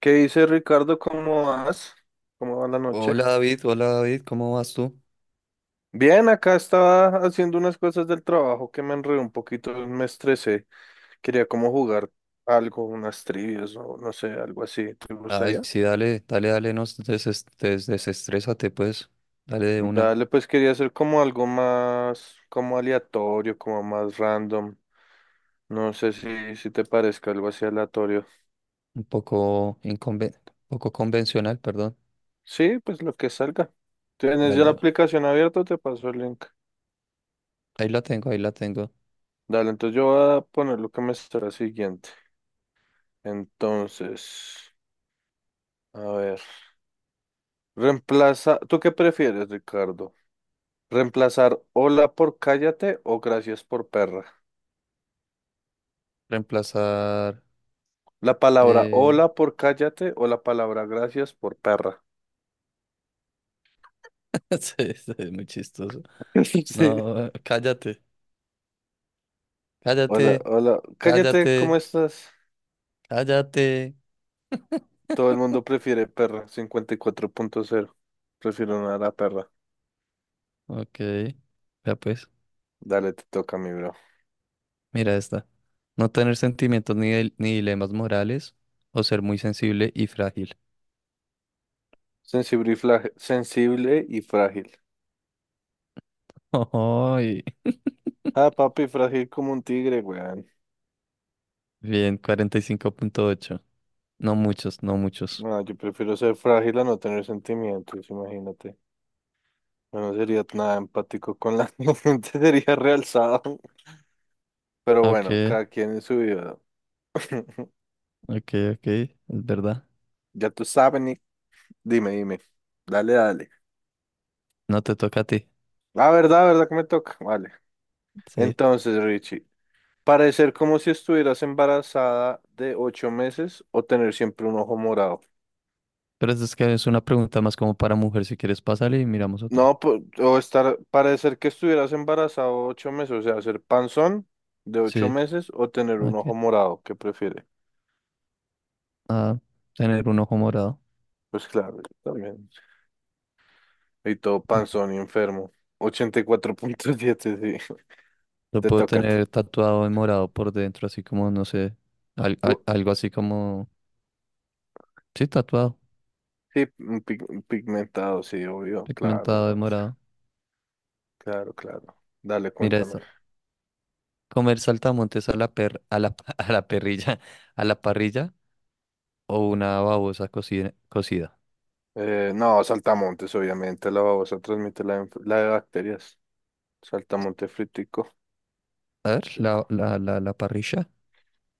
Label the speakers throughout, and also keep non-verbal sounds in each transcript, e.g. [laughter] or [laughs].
Speaker 1: ¿Qué dice Ricardo? ¿Cómo vas? ¿Cómo va la noche?
Speaker 2: Hola David, ¿cómo vas tú?
Speaker 1: Bien, acá estaba haciendo unas cosas del trabajo que me enredé un poquito, me estresé. Quería como jugar algo, unas trivias o no sé, algo así. ¿Te
Speaker 2: Ay,
Speaker 1: gustaría?
Speaker 2: sí, dale, dale, dale, no desestrésate, pues. Dale de una.
Speaker 1: Dale, pues quería hacer como algo más, como aleatorio, como más random. No sé si te parezca algo así aleatorio.
Speaker 2: Un poco poco convencional, perdón.
Speaker 1: Sí, pues lo que salga. ¿Tienes ya
Speaker 2: Dale
Speaker 1: la
Speaker 2: de una.
Speaker 1: aplicación abierta? Te paso el link.
Speaker 2: Ahí la tengo, ahí la tengo.
Speaker 1: Dale, entonces yo voy a poner lo que me estará siguiente. Entonces, a ver, reemplaza, ¿tú qué prefieres, Ricardo? ¿Reemplazar hola por cállate o gracias por perra?
Speaker 2: Reemplazar.
Speaker 1: La palabra
Speaker 2: Eh...
Speaker 1: hola por cállate o la palabra gracias por perra.
Speaker 2: [laughs] sí, sí, es muy chistoso.
Speaker 1: [laughs] Sí.
Speaker 2: No, cállate,
Speaker 1: Hola,
Speaker 2: cállate,
Speaker 1: hola, cállate, ¿cómo
Speaker 2: cállate,
Speaker 1: estás?
Speaker 2: cállate.
Speaker 1: Todo el
Speaker 2: [laughs]
Speaker 1: mundo prefiere perra, 54.0. Prefiero una a la perra.
Speaker 2: Ok, ya pues,
Speaker 1: Dale, te toca, mi bro.
Speaker 2: mira esta. No tener sentimientos ni ni dilemas morales o ser muy sensible y frágil.
Speaker 1: Sensible y frágil.
Speaker 2: Ay,
Speaker 1: Ah, papi, frágil como un tigre, güey.
Speaker 2: bien, 45.8. No muchos, no muchos.
Speaker 1: No, yo prefiero ser frágil a no tener sentimientos, imagínate. Yo no sería nada empático con la [laughs] gente, sería realzado. Pero
Speaker 2: Ok,
Speaker 1: bueno, cada quien en su vida. [laughs]
Speaker 2: ok, ok, es verdad.
Speaker 1: Ya tú sabes, Nick. Dime, dime. Dale, dale.
Speaker 2: No te toca a ti.
Speaker 1: La verdad que me toca. Vale.
Speaker 2: Sí.
Speaker 1: Entonces, Richie, parecer como si estuvieras embarazada de 8 meses o tener siempre un ojo morado.
Speaker 2: Pero eso es que es una pregunta más como para mujer. Si quieres, pásale y miramos otra.
Speaker 1: No, o estar, parecer que estuvieras embarazado 8 meses, o sea, ser panzón de ocho
Speaker 2: Sí,
Speaker 1: meses o tener un ojo
Speaker 2: ok.
Speaker 1: morado, ¿qué prefiere?
Speaker 2: Ah, tener un ojo morado.
Speaker 1: Pues claro, yo también. Y todo
Speaker 2: Mm.
Speaker 1: panzón y enfermo. 84.7, sí. [laughs]
Speaker 2: Lo
Speaker 1: Te
Speaker 2: puedo
Speaker 1: toca.
Speaker 2: tener tatuado en morado por dentro, así como, no sé,
Speaker 1: U-
Speaker 2: algo así como. Sí, tatuado,
Speaker 1: Sí, un un pigmentado, sí, obvio. Claro,
Speaker 2: pigmentado de
Speaker 1: weón.
Speaker 2: morado.
Speaker 1: Claro, claro. Dale,
Speaker 2: Mira
Speaker 1: cuéntame.
Speaker 2: esta. Comer saltamontes a la per, a la, [laughs] a la parrilla o una babosa cocida.
Speaker 1: No, saltamontes, obviamente. La babosa transmite la de bacterias. Saltamonte fritico.
Speaker 2: A ver, la,
Speaker 1: Rico.
Speaker 2: la, la, la parrilla,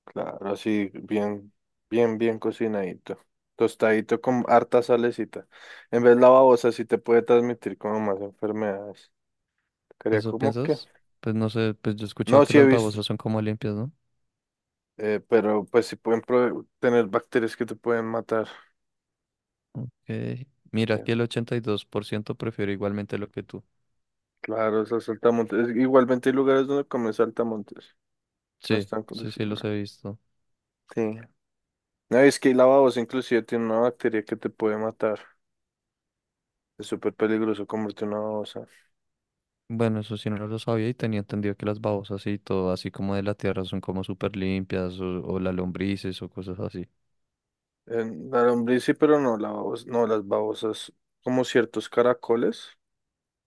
Speaker 1: Claro, así, bien, bien, bien cocinadito. Tostadito con harta salecita. En vez de la babosa, sí te puede transmitir como más enfermedades. Quería
Speaker 2: ¿eso
Speaker 1: como que.
Speaker 2: piensas? Pues no sé, pues yo he escuchado
Speaker 1: No,
Speaker 2: que
Speaker 1: sí he
Speaker 2: las
Speaker 1: visto.
Speaker 2: babosas son como limpias, ¿no?
Speaker 1: Pero pues si pueden tener bacterias que te pueden matar.
Speaker 2: Ok.
Speaker 1: Sí,
Speaker 2: Mira, aquí el 82% prefiere igualmente lo que tú.
Speaker 1: claro, esas saltamontes. Igualmente hay lugares donde comen saltamontes. No
Speaker 2: Sí,
Speaker 1: están
Speaker 2: sí, sí, los he
Speaker 1: condicionados.
Speaker 2: visto.
Speaker 1: Sí. No, es que la babosa inclusive tiene una bacteria que te puede matar. Es súper peligroso comerte una babosa.
Speaker 2: Bueno, eso sí no lo sabía y tenía entendido que las babosas y todo, así como de la tierra, son como súper limpias o las lombrices o cosas así.
Speaker 1: En la lombriz sí, pero no, la babosa, no, las babosas, como ciertos caracoles,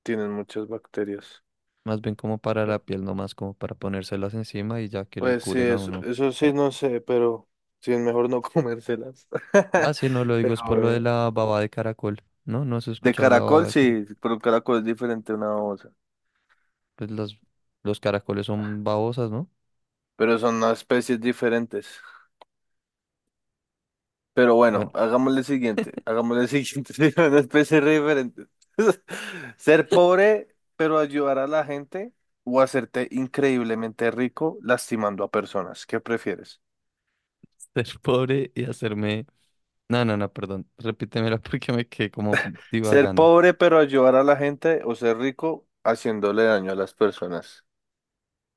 Speaker 1: tienen muchas bacterias.
Speaker 2: Más bien como para la piel, no más como para ponérselas encima y ya que le
Speaker 1: Pues sí,
Speaker 2: curen a
Speaker 1: eso,
Speaker 2: uno.
Speaker 1: eso sí, no sé, pero sí es mejor no comérselas. [laughs]
Speaker 2: Ah, sí, no lo digo,
Speaker 1: Pero
Speaker 2: es por lo de
Speaker 1: bueno.
Speaker 2: la baba de caracol. No, no has
Speaker 1: De
Speaker 2: escuchado la baba
Speaker 1: caracol,
Speaker 2: de caracol.
Speaker 1: sí, pero el caracol es diferente a una babosa.
Speaker 2: Pues los caracoles son babosas, ¿no?
Speaker 1: Pero son unas especies diferentes. Pero bueno,
Speaker 2: Bueno,
Speaker 1: hagámosle siguiente. Hagámosle siguiente. [laughs] Sí, son una especie re diferente. [laughs] Ser pobre, pero ayudar a la gente o hacerte increíblemente rico lastimando a personas. ¿Qué prefieres?
Speaker 2: [laughs] ser pobre y hacerme. No, no, no, perdón. Repítemela [laughs] porque me quedé como
Speaker 1: Ser
Speaker 2: divagando.
Speaker 1: pobre, pero ayudar a la gente o ser rico haciéndole daño a las personas.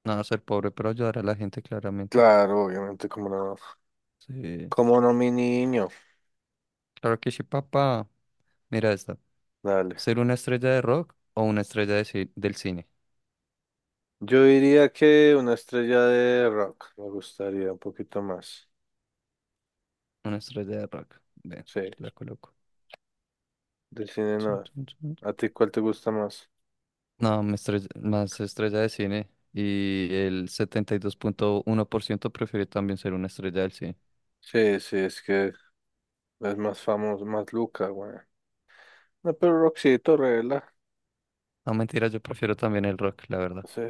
Speaker 2: No, ser pobre, pero ayudar a la gente claramente.
Speaker 1: Claro, obviamente, como no.
Speaker 2: Sí.
Speaker 1: Como no, mi niño.
Speaker 2: Claro que sí, papá. Mira esta.
Speaker 1: Dale.
Speaker 2: ¿Ser una estrella de rock o una estrella del cine?
Speaker 1: Yo diría que una estrella de rock me gustaría un poquito más.
Speaker 2: Una estrella de rock. Ven,
Speaker 1: Sí,
Speaker 2: la coloco.
Speaker 1: de cine no. ¿A ti cuál te gusta más?
Speaker 2: No, más estrella de cine. Y el 72.1% prefiere también ser una estrella del cine.
Speaker 1: Sí, sí, es que es más famoso, más Luca, güey. No, pero Roxito, regla.
Speaker 2: No, mentira, yo prefiero también el rock, la verdad.
Speaker 1: Sí.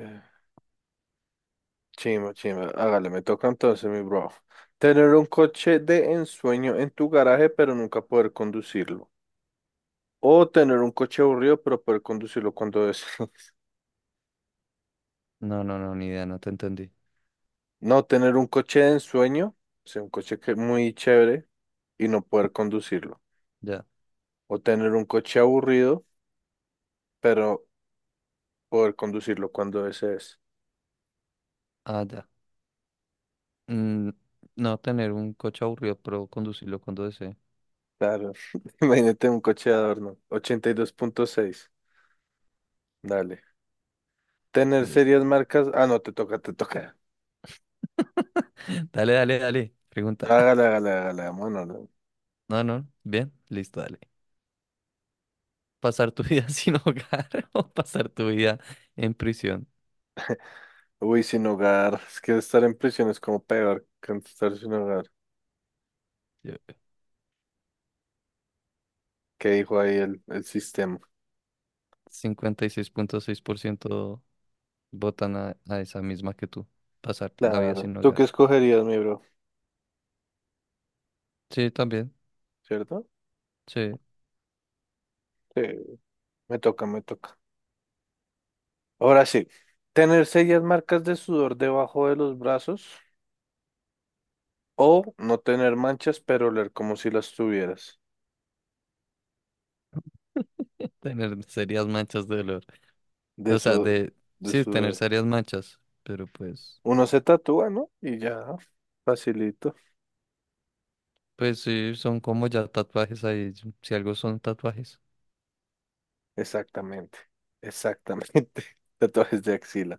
Speaker 1: Chimba, chimba. Hágale, me toca entonces, mi bro. Tener un coche de ensueño en tu garaje, pero nunca poder conducirlo. O tener un coche aburrido, pero poder conducirlo cuando desees. [laughs]
Speaker 2: No, no, no, ni idea, no te entendí.
Speaker 1: No, tener un coche de ensueño. O sea, un coche que muy chévere y no poder conducirlo.
Speaker 2: Ya.
Speaker 1: O tener un coche aburrido, pero poder conducirlo cuando desees.
Speaker 2: Ah, ya. Mm, no tener un coche aburrido, pero conducirlo cuando desee.
Speaker 1: Claro, [laughs] imagínate un coche de adorno. 82.6. Dale. Tener
Speaker 2: Listo.
Speaker 1: serias marcas. Ah, no, te toca, te toca.
Speaker 2: [laughs] Dale, dale, dale.
Speaker 1: No,
Speaker 2: Pregunta.
Speaker 1: hágale,
Speaker 2: [laughs]
Speaker 1: hágale, hágale. Bueno,
Speaker 2: No, no. Bien, listo, dale. Pasar tu vida [laughs] sin hogar [laughs] o pasar tu vida en prisión.
Speaker 1: uy, sin hogar. [laughs] Es que estar en prisión es como peor que estar sin hogar.
Speaker 2: Yo-
Speaker 1: ¿Qué dijo ahí el sistema?
Speaker 2: 56.6% votan a esa misma que tú. Pasar la vida
Speaker 1: Claro.
Speaker 2: sin
Speaker 1: ¿Tú qué
Speaker 2: hogar.
Speaker 1: escogerías, mi bro?
Speaker 2: Sí, también.
Speaker 1: ¿Cierto?
Speaker 2: Sí.
Speaker 1: Sí, me toca, me toca. Ahora sí. Tener serias marcas de sudor debajo de los brazos o no tener manchas, pero oler como si las tuvieras.
Speaker 2: Tener serias manchas de dolor.
Speaker 1: De
Speaker 2: O sea,
Speaker 1: su,
Speaker 2: de.
Speaker 1: de
Speaker 2: Sí, tener
Speaker 1: su,
Speaker 2: serias manchas. Pero pues.
Speaker 1: uno se tatúa, ¿no? Y ya, facilito.
Speaker 2: Pues sí, son como ya tatuajes ahí. Si algo son tatuajes. [laughs]
Speaker 1: Exactamente, exactamente. [laughs] Tatuajes de axila.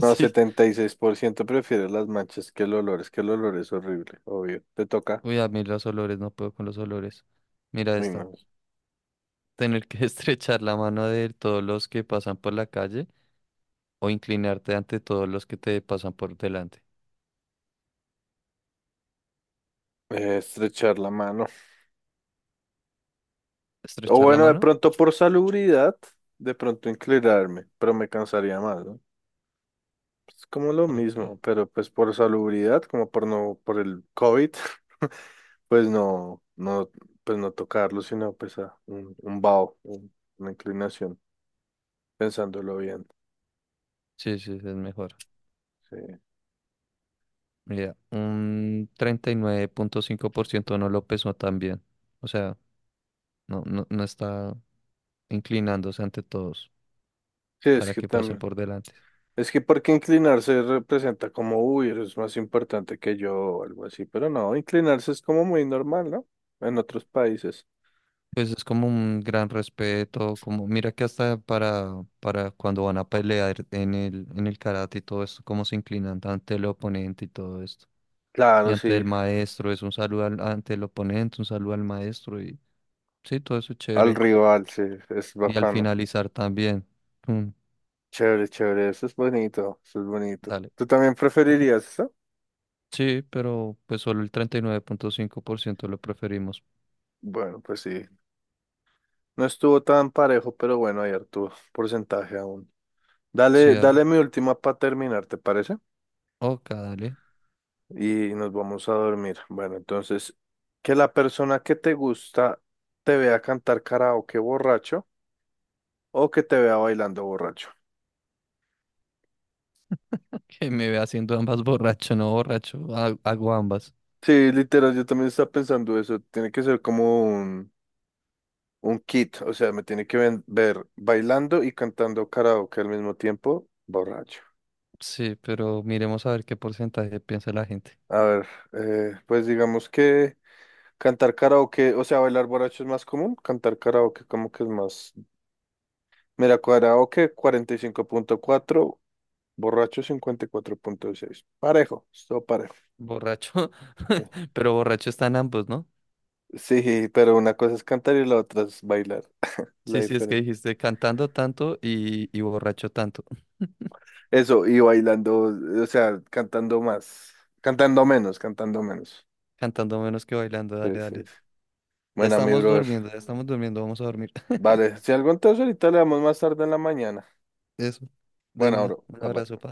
Speaker 1: No, 76% prefiere las manchas que el olor. Es que el olor es horrible, obvio. Te toca.
Speaker 2: Uy, a mí los olores, no puedo con los olores. Mira
Speaker 1: Uy,
Speaker 2: esta.
Speaker 1: no.
Speaker 2: Tener que [laughs] estrechar la mano de todos los que pasan por la calle o inclinarte ante todos los que te pasan por delante.
Speaker 1: Estrechar la mano. O
Speaker 2: ¿Estrechar la
Speaker 1: bueno, de
Speaker 2: mano?
Speaker 1: pronto por salubridad, de pronto inclinarme, pero me cansaría más, ¿no? Es como lo
Speaker 2: Ok.
Speaker 1: mismo, pero pues por salubridad, como por no, por el COVID. Pues no, no, pues no tocarlo, sino pues a un vaho, una inclinación, pensándolo bien.
Speaker 2: Sí, sí, es mejor.
Speaker 1: Sí.
Speaker 2: Mira, un 39.5% no lo pesó tan bien. O sea, no, no, no está inclinándose ante todos
Speaker 1: Sí, es
Speaker 2: para
Speaker 1: que
Speaker 2: que pasen
Speaker 1: también.
Speaker 2: por delante.
Speaker 1: Es que porque inclinarse representa como, uy, eres más importante que yo o algo así, pero no, inclinarse es como muy normal, ¿no? En otros países.
Speaker 2: Pues es como un gran respeto, como mira que hasta para cuando van a pelear en el karate y todo esto, cómo se inclinan ante el oponente y todo esto. Y
Speaker 1: Claro,
Speaker 2: ante
Speaker 1: sí,
Speaker 2: el maestro, es un saludo ante el oponente, un saludo al maestro y sí, todo eso es
Speaker 1: al
Speaker 2: chévere.
Speaker 1: rival, sí, es
Speaker 2: Y al
Speaker 1: bacano.
Speaker 2: finalizar también. mm,
Speaker 1: Chévere, chévere, eso es bonito, eso es bonito.
Speaker 2: Dale.
Speaker 1: ¿Tú también preferirías eso?
Speaker 2: Sí, pero pues solo el 39.5% lo preferimos.
Speaker 1: Bueno, pues sí, no estuvo tan parejo, pero bueno, hay harto porcentaje aún.
Speaker 2: Sí,
Speaker 1: Dale,
Speaker 2: dale.
Speaker 1: dale, mi última para terminar, ¿te parece?
Speaker 2: Oca, dale. [laughs]
Speaker 1: Y nos vamos a dormir. Bueno, entonces, que la persona que te gusta te vea cantar karaoke borracho o que te vea bailando borracho.
Speaker 2: Que me ve haciendo ambas borracho, no borracho. Hago ambas.
Speaker 1: Sí, literal, yo también estaba pensando eso. Tiene que ser como un kit, o sea, me tiene que ver bailando y cantando karaoke al mismo tiempo, borracho.
Speaker 2: Sí, pero miremos a ver qué porcentaje piensa la gente.
Speaker 1: A ver, pues digamos que cantar karaoke, o sea, bailar borracho es más común, cantar karaoke como que es más... Mira, karaoke 45.4, borracho 54.6. Parejo, estuvo parejo.
Speaker 2: Borracho.
Speaker 1: Sí.
Speaker 2: [laughs] Pero borracho están ambos, ¿no?
Speaker 1: Sí, pero una cosa es cantar y la otra es bailar. La
Speaker 2: Sí, sí, es que
Speaker 1: diferencia.
Speaker 2: dijiste cantando tanto y borracho tanto. [laughs]
Speaker 1: Eso, y bailando, o sea, cantando más. Cantando menos, cantando menos.
Speaker 2: Cantando menos que bailando,
Speaker 1: Sí,
Speaker 2: dale,
Speaker 1: sí,
Speaker 2: dale.
Speaker 1: sí. Bueno, mi brother.
Speaker 2: Ya estamos durmiendo, vamos a dormir. [laughs]
Speaker 1: Vale, si algo entonces ahorita le damos más tarde en la mañana.
Speaker 2: Eso. De
Speaker 1: Bueno,
Speaker 2: una.
Speaker 1: bro,
Speaker 2: Un
Speaker 1: bye bye.
Speaker 2: abrazo, pa.